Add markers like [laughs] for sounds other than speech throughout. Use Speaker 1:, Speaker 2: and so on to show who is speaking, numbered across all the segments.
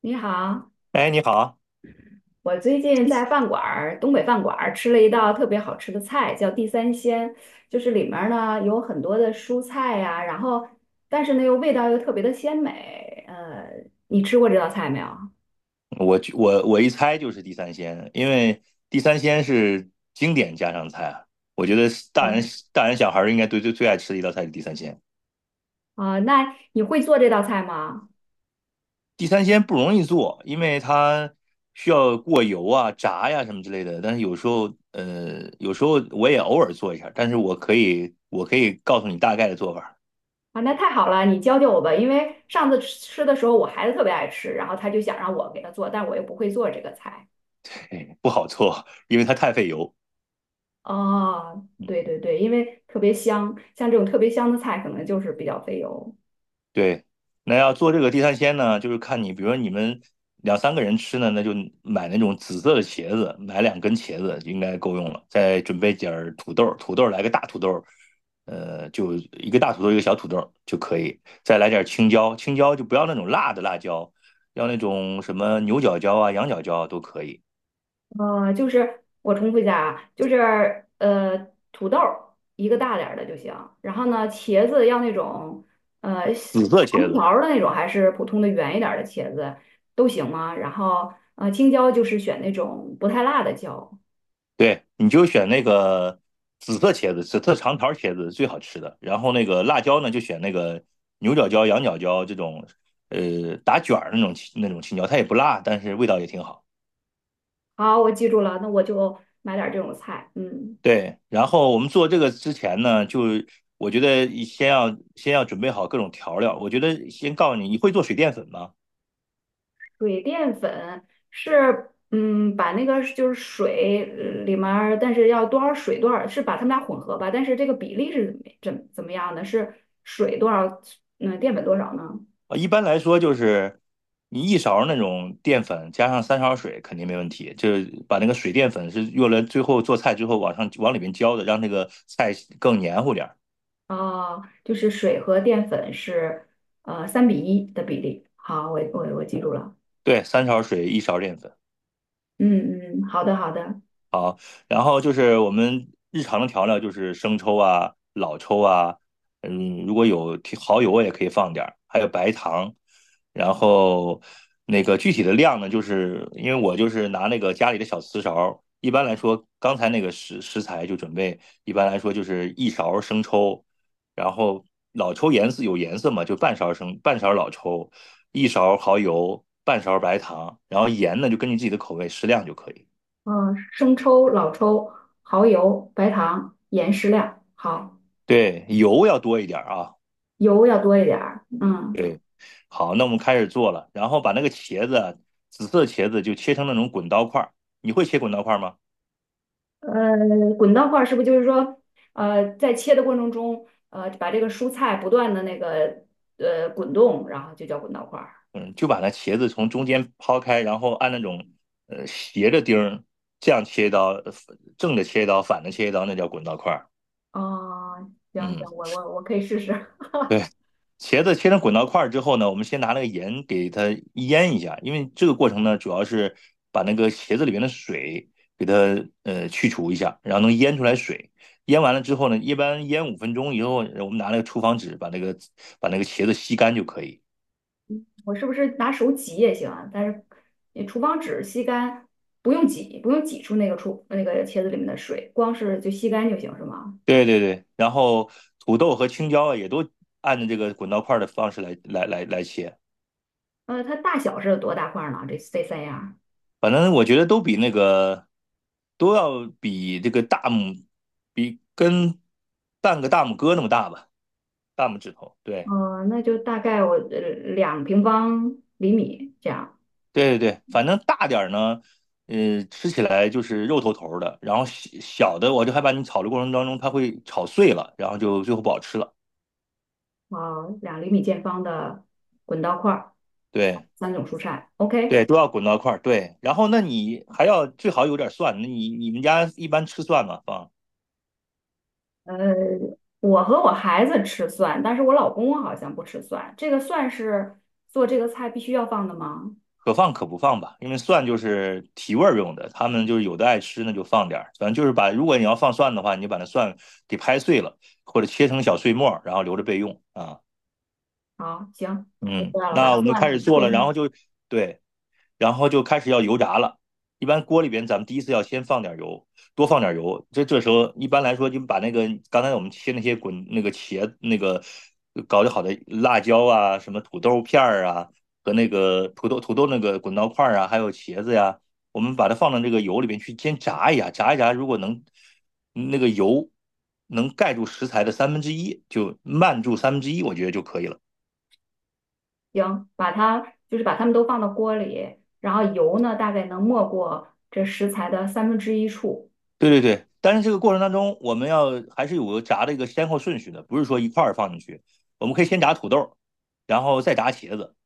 Speaker 1: 你好，
Speaker 2: 哎，你好。
Speaker 1: 我最近在饭馆儿，东北饭馆儿吃了一道特别好吃的菜，叫地三鲜，就是里面儿呢有很多的蔬菜呀、然后但是呢又味道又特别的鲜美。你吃过这道菜没有？
Speaker 2: 我就一猜就是地三鲜，因为地三鲜是经典家常菜啊，我觉得是大人
Speaker 1: 嗯。
Speaker 2: 大人小孩儿应该最最最爱吃的一道菜是地三鲜。
Speaker 1: 啊、那你会做这道菜吗？
Speaker 2: 地三鲜不容易做，因为它需要过油啊、炸呀、什么之类的。但是有时候我也偶尔做一下，但是我可以告诉你大概的做法儿。
Speaker 1: 啊，那太好了，你教教我吧，因为上次吃的时候我孩子特别爱吃，然后他就想让我给他做，但我又不会做这个菜。
Speaker 2: 嘿，不好做，因为它太费油。
Speaker 1: 哦，对
Speaker 2: 嗯。
Speaker 1: 对对，因为特别香，像这种特别香的菜可能就是比较费油。
Speaker 2: 对，那要做这个地三鲜呢，就是看你，比如说你们两三个人吃呢，那就买那种紫色的茄子，买两根茄子应该够用了。再准备点儿土豆，土豆来个大土豆，就一个大土豆一个小土豆就可以。再来点青椒，青椒就不要那种辣的辣椒，要那种什么牛角椒啊、羊角椒啊都可以。
Speaker 1: 就是我重复一下啊，就是土豆儿一个大点儿的就行，然后呢，茄子要那种细
Speaker 2: 紫色茄
Speaker 1: 长
Speaker 2: 子，
Speaker 1: 条儿的那种，还是普通的圆一点儿的茄子都行吗？然后青椒就是选那种不太辣的椒。
Speaker 2: 对，你就选那个紫色茄子，紫色长条茄子最好吃的。然后那个辣椒呢，就选那个牛角椒、羊角椒这种，打卷儿那种青椒，它也不辣，但是味道也挺好。
Speaker 1: 好，我记住了，那我就买点儿这种菜。嗯。
Speaker 2: 对，然后我们做这个之前呢，就我觉得先要准备好各种调料。我觉得先告诉你，你会做水淀粉吗？
Speaker 1: 水淀粉是，把那个是就是水里面儿但是要多少水多少，是把它们俩混合吧？但是这个比例是怎么样的？是水多少，淀粉多少呢？
Speaker 2: 啊，一般来说就是你一勺那种淀粉加上三勺水肯定没问题，就是把那个水淀粉是用来最后做菜之后往上往里面浇的，让那个菜更黏糊点儿。
Speaker 1: 哦，就是水和淀粉是3:1的比例。好，我记住了。
Speaker 2: 对，三勺水一勺淀粉。
Speaker 1: 嗯嗯，好的好的。
Speaker 2: 好，然后就是我们日常的调料就是生抽啊、老抽啊，如果有提蚝油也可以放点儿，还有白糖。然后那个具体的量呢，就是因为我就是拿那个家里的小瓷勺，一般来说，刚才那个食材就准备，一般来说就是一勺生抽，然后老抽颜色有颜色嘛，就半勺生半勺老抽，一勺蚝油，半勺白糖，然后盐呢就根据自己的口味适量就可以。
Speaker 1: 嗯、生抽、老抽、蚝油、白糖、盐适量。好，
Speaker 2: 对，油要多一点儿啊。
Speaker 1: 油要多一点儿。嗯。
Speaker 2: 对，好，那我们开始做了，然后把那个茄子啊紫色茄子就切成那种滚刀块儿。你会切滚刀块儿吗？
Speaker 1: 滚刀块儿是不是就是说，在切的过程中，把这个蔬菜不断的那个滚动，然后就叫滚刀块儿。
Speaker 2: 嗯，就把那茄子从中间抛开，然后按那种斜着钉儿这样切一刀，正着切一刀，反着切一刀，那叫滚刀块儿。
Speaker 1: 哦，行
Speaker 2: 嗯，
Speaker 1: 行，我可以试试。[laughs]
Speaker 2: 对，茄子切成滚刀块之后呢，我们先拿那个盐给它腌一下，因为这个过程呢，主要是把那个茄子里面的水给它去除一下，然后能腌出来水。腌完了之后呢，一般腌5分钟以后，我们拿那个厨房纸把那个茄子吸干就可以。
Speaker 1: 我是不是拿手挤也行啊？但是你厨房纸吸干，不用挤，不用挤出那个出那个茄子里面的水，光是就吸干就行，是吗？
Speaker 2: 对对对，然后土豆和青椒啊也都按照这个滚刀块的方式来切，
Speaker 1: 它大小是有多大块儿呢？这三样儿？
Speaker 2: 反正我觉得都要比半个大拇哥那么大吧。大拇指头，对
Speaker 1: 那就大概我2平方厘米这样。
Speaker 2: 对对对，反正大点儿呢，吃起来就是肉头头的，然后小小的我就害怕你炒的过程当中它会炒碎了，然后就最后不好吃了。
Speaker 1: 啊，2厘米见方的滚刀块儿，
Speaker 2: 对
Speaker 1: 三种蔬菜。OK。
Speaker 2: 对，都要滚到一块儿。对，然后那你还要最好有点蒜，那你们家一般吃蒜吗？
Speaker 1: 呃，我和我孩子吃蒜，但是我老公好像不吃蒜。这个蒜是做这个菜必须要放的吗？
Speaker 2: 可放可不放吧，因为蒜就是提味儿用的，他们就是有的爱吃那就放点儿，反正就是把如果你要放蒜的话，你就把那蒜给拍碎了，或者切成小碎末儿然后留着备用啊。
Speaker 1: 好，行，我知
Speaker 2: 嗯，
Speaker 1: 道了，把
Speaker 2: 那我们开
Speaker 1: 蒜
Speaker 2: 始做
Speaker 1: 切
Speaker 2: 了，然后
Speaker 1: 成。
Speaker 2: 就对，然后就开始要油炸了。一般锅里边，咱们第一次要先放点油，多放点油。这时候一般来说，就把那个刚才我们切那些滚那个茄那个搞得好的辣椒啊，什么土豆片儿啊，和那个土豆那个滚刀块儿啊，还有茄子呀，我们把它放到这个油里边去先炸一下，炸一炸，如果能那个油能盖住食材的三分之一，就慢住三分之一，我觉得就可以了。
Speaker 1: 行，把它就是把它们都放到锅里，然后油呢大概能没过这食材的三分之一处。
Speaker 2: 对对对，但是这个过程当中，我们要还是有个炸的一个先后顺序的，不是说一块儿放进去。我们可以先炸土豆，然后再炸茄子，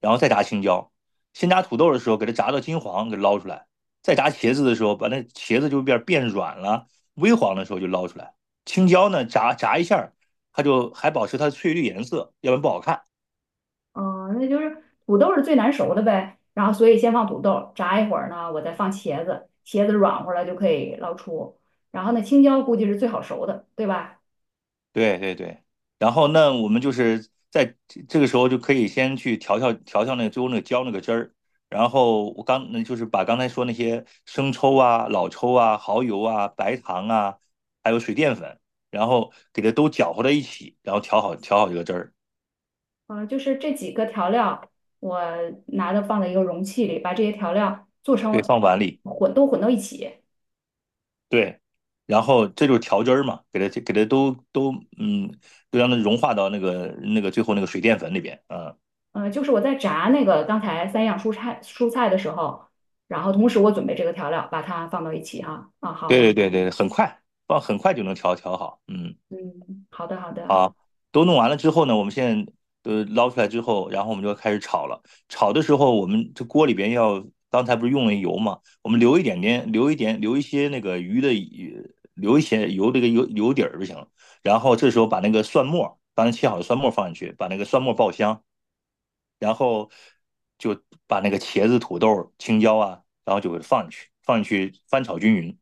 Speaker 2: 然后再炸青椒。先炸土豆的时候，给它炸到金黄，给它捞出来；再炸茄子的时候，把那茄子就变软了，微黄的时候就捞出来。青椒呢，炸一下，它就还保持它的翠绿颜色，要不然不好看。
Speaker 1: 哦，那就是土豆是最难熟的呗，然后所以先放土豆，炸一会儿呢，我再放茄子，茄子软和了就可以捞出。然后呢，青椒估计是最好熟的，对吧？
Speaker 2: 对对对，然后那我们就是在这个时候就可以先去调那个最后那个浇那个汁儿，然后我刚那就是把刚才说那些生抽啊、老抽啊、蚝油啊、白糖啊，还有水淀粉，然后给它都搅和在一起，然后调好这个汁儿，
Speaker 1: 嗯，就是这几个调料，我拿到放在一个容器里，把这些调料做
Speaker 2: 对，
Speaker 1: 成
Speaker 2: 放碗里。
Speaker 1: 混都混到一起。
Speaker 2: 对，然后这就是调汁儿嘛，给它给它都都嗯，都让它融化到那个最后那个水淀粉里边。嗯，
Speaker 1: 嗯，就是我在炸那个刚才三样蔬菜的时候，然后同时我准备这个调料，把它放到一起哈。啊，
Speaker 2: 对
Speaker 1: 好。
Speaker 2: 对对对，很快，放很快就能调好，嗯。
Speaker 1: 嗯，好的好的。
Speaker 2: 都弄完了之后呢，我们现在捞出来之后，然后我们就开始炒了。炒的时候，我们这锅里边要刚才不是用了油嘛，我们留一些油，这个油底儿就行了。然后这时候把那个蒜末，刚才切好的蒜末放进去，把那个蒜末爆香，然后就把那个茄子、土豆、青椒啊，然后就给它放进去，放进去翻炒均匀。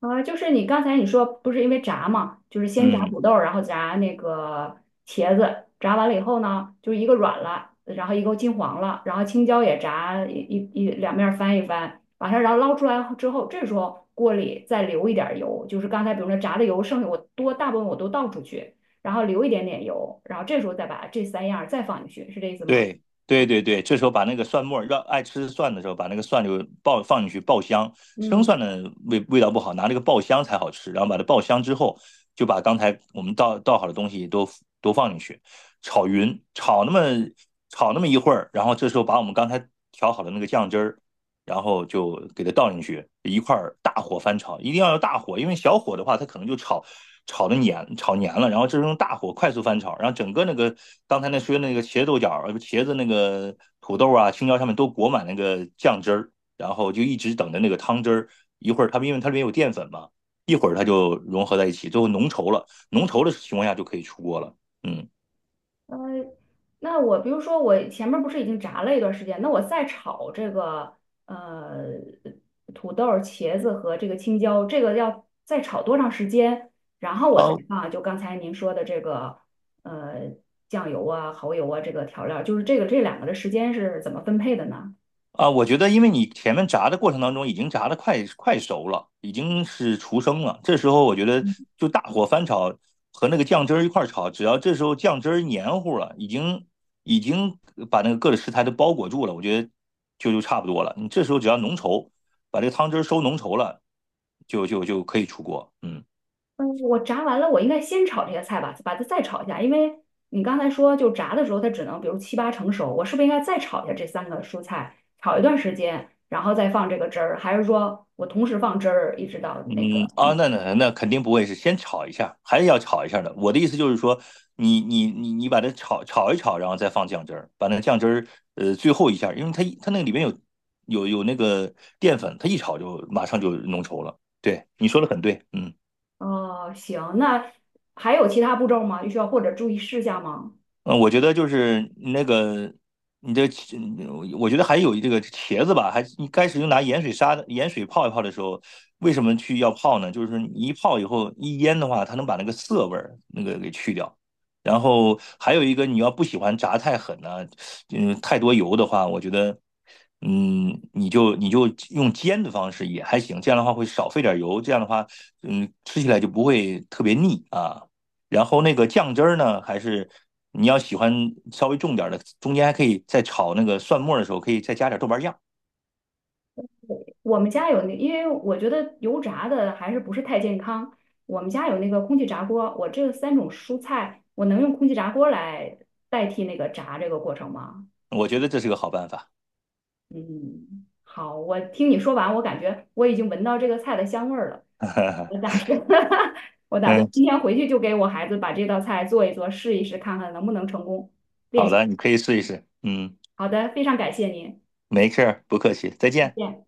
Speaker 1: 啊，就是你刚才说不是因为炸嘛，就是先炸
Speaker 2: 嗯，
Speaker 1: 土豆儿然后炸那个茄子，炸完了以后呢，就是一个软了，然后一个金黄了，然后青椒也炸一一一两面儿翻一翻，把它然后捞出来之后，这时候锅里再留一点儿油，就是刚才比如说炸的油剩下我多大部分我都倒出去，然后留一点点油，然后这时候再把这三样儿再放进去，是这意思吗？
Speaker 2: 对对对对，这时候把那个蒜末儿，让爱吃蒜的时候，把那个蒜就放进去爆香。生蒜
Speaker 1: 嗯。
Speaker 2: 的味道不好，拿那个爆香才好吃。然后把它爆香之后，就把刚才我们倒好的东西都放进去，炒匀，炒那么一会儿，然后这时候把我们刚才调好的那个酱汁儿然后就给它倒进去，一块儿大火翻炒，一定要用大火，因为小火的话，它可能就炒黏了。然后这是用大火快速翻炒，然后整个那个刚才说那个茄子那个土豆啊、青椒上面都裹满那个酱汁儿，然后就一直等着那个汤汁儿，一会儿它因为它里面有淀粉嘛，一会儿它就融合在一起，最后浓稠了，浓稠的情况下就可以出锅了。嗯。
Speaker 1: 呃，那我比如说我前面不是已经炸了一段时间，那我再炒这个呃土豆儿茄子和这个青椒，这个要再炒多长时间？然后我再
Speaker 2: 呃，
Speaker 1: 放就刚才您说的这个呃酱油啊、蚝油啊这个调料就是这两个的时间是怎么分配的呢？
Speaker 2: 啊，我觉得因为你前面炸的过程当中已经炸的快熟了，已经是出生了。这时候我觉得就大火翻炒和那个酱汁儿一块儿炒，只要这时候酱汁儿黏糊了，已经把那个各个食材都包裹住了，我觉得就差不多了。你这时候只要浓稠，把这个汤汁儿收浓稠了，就可以出锅。嗯。
Speaker 1: 嗯，我炸完了，我应该先炒这个菜吧，把它再炒一下，因为你刚才说就炸的时候它只能比如七八成熟，我是不是应该再炒一下这三个蔬菜，炒一段时间，然后再放这个汁儿，还是说我同时放汁儿一直到那个
Speaker 2: 嗯，
Speaker 1: 那
Speaker 2: 啊，
Speaker 1: 个
Speaker 2: 那肯定不会是先炒一下，还是要炒一下的。我的意思就是说，你把它炒一炒，然后再放酱汁儿，把那酱汁儿最后一下，因为它那个里面有那个淀粉，它一炒就马上就浓稠了。对，你说的很对，嗯。
Speaker 1: 哦，行，那还有其他步骤吗？需要或者注意事项吗？
Speaker 2: 嗯，我觉得就是那个，你这，嗯我觉得还有这个茄子吧，还你开始拿盐水泡一泡的时候，为什么要泡呢？就是你一泡以后一腌的话，它能把那个涩味儿那个给去掉。然后还有一个，你要不喜欢炸太狠呢、太多油的话，我觉得，你就用煎的方式也还行，这样的话会少费点油，这样的话，吃起来就不会特别腻啊。然后那个酱汁儿呢，还是你要喜欢稍微重点的，中间还可以在炒那个蒜末的时候，可以再加点豆瓣酱，
Speaker 1: 我们家有那，因为我觉得油炸的还是不是太健康。我们家有那个空气炸锅，我这三种蔬菜，我能用空气炸锅来代替那个炸这个过程吗？
Speaker 2: 我觉得这是个好办法。
Speaker 1: 嗯，好，我听你说完，我感觉我已经闻到这个菜的香味儿了。我
Speaker 2: [laughs]
Speaker 1: 打算，[laughs] 我打算
Speaker 2: 嗯，
Speaker 1: 今天回去就给我孩子把这道菜做一做，试一试，看看能不能成功练
Speaker 2: 好
Speaker 1: 习。
Speaker 2: 的，你可以试一试。嗯，
Speaker 1: 好的，非常感谢您，
Speaker 2: 没事儿，不客气，再
Speaker 1: 再
Speaker 2: 见。
Speaker 1: 见。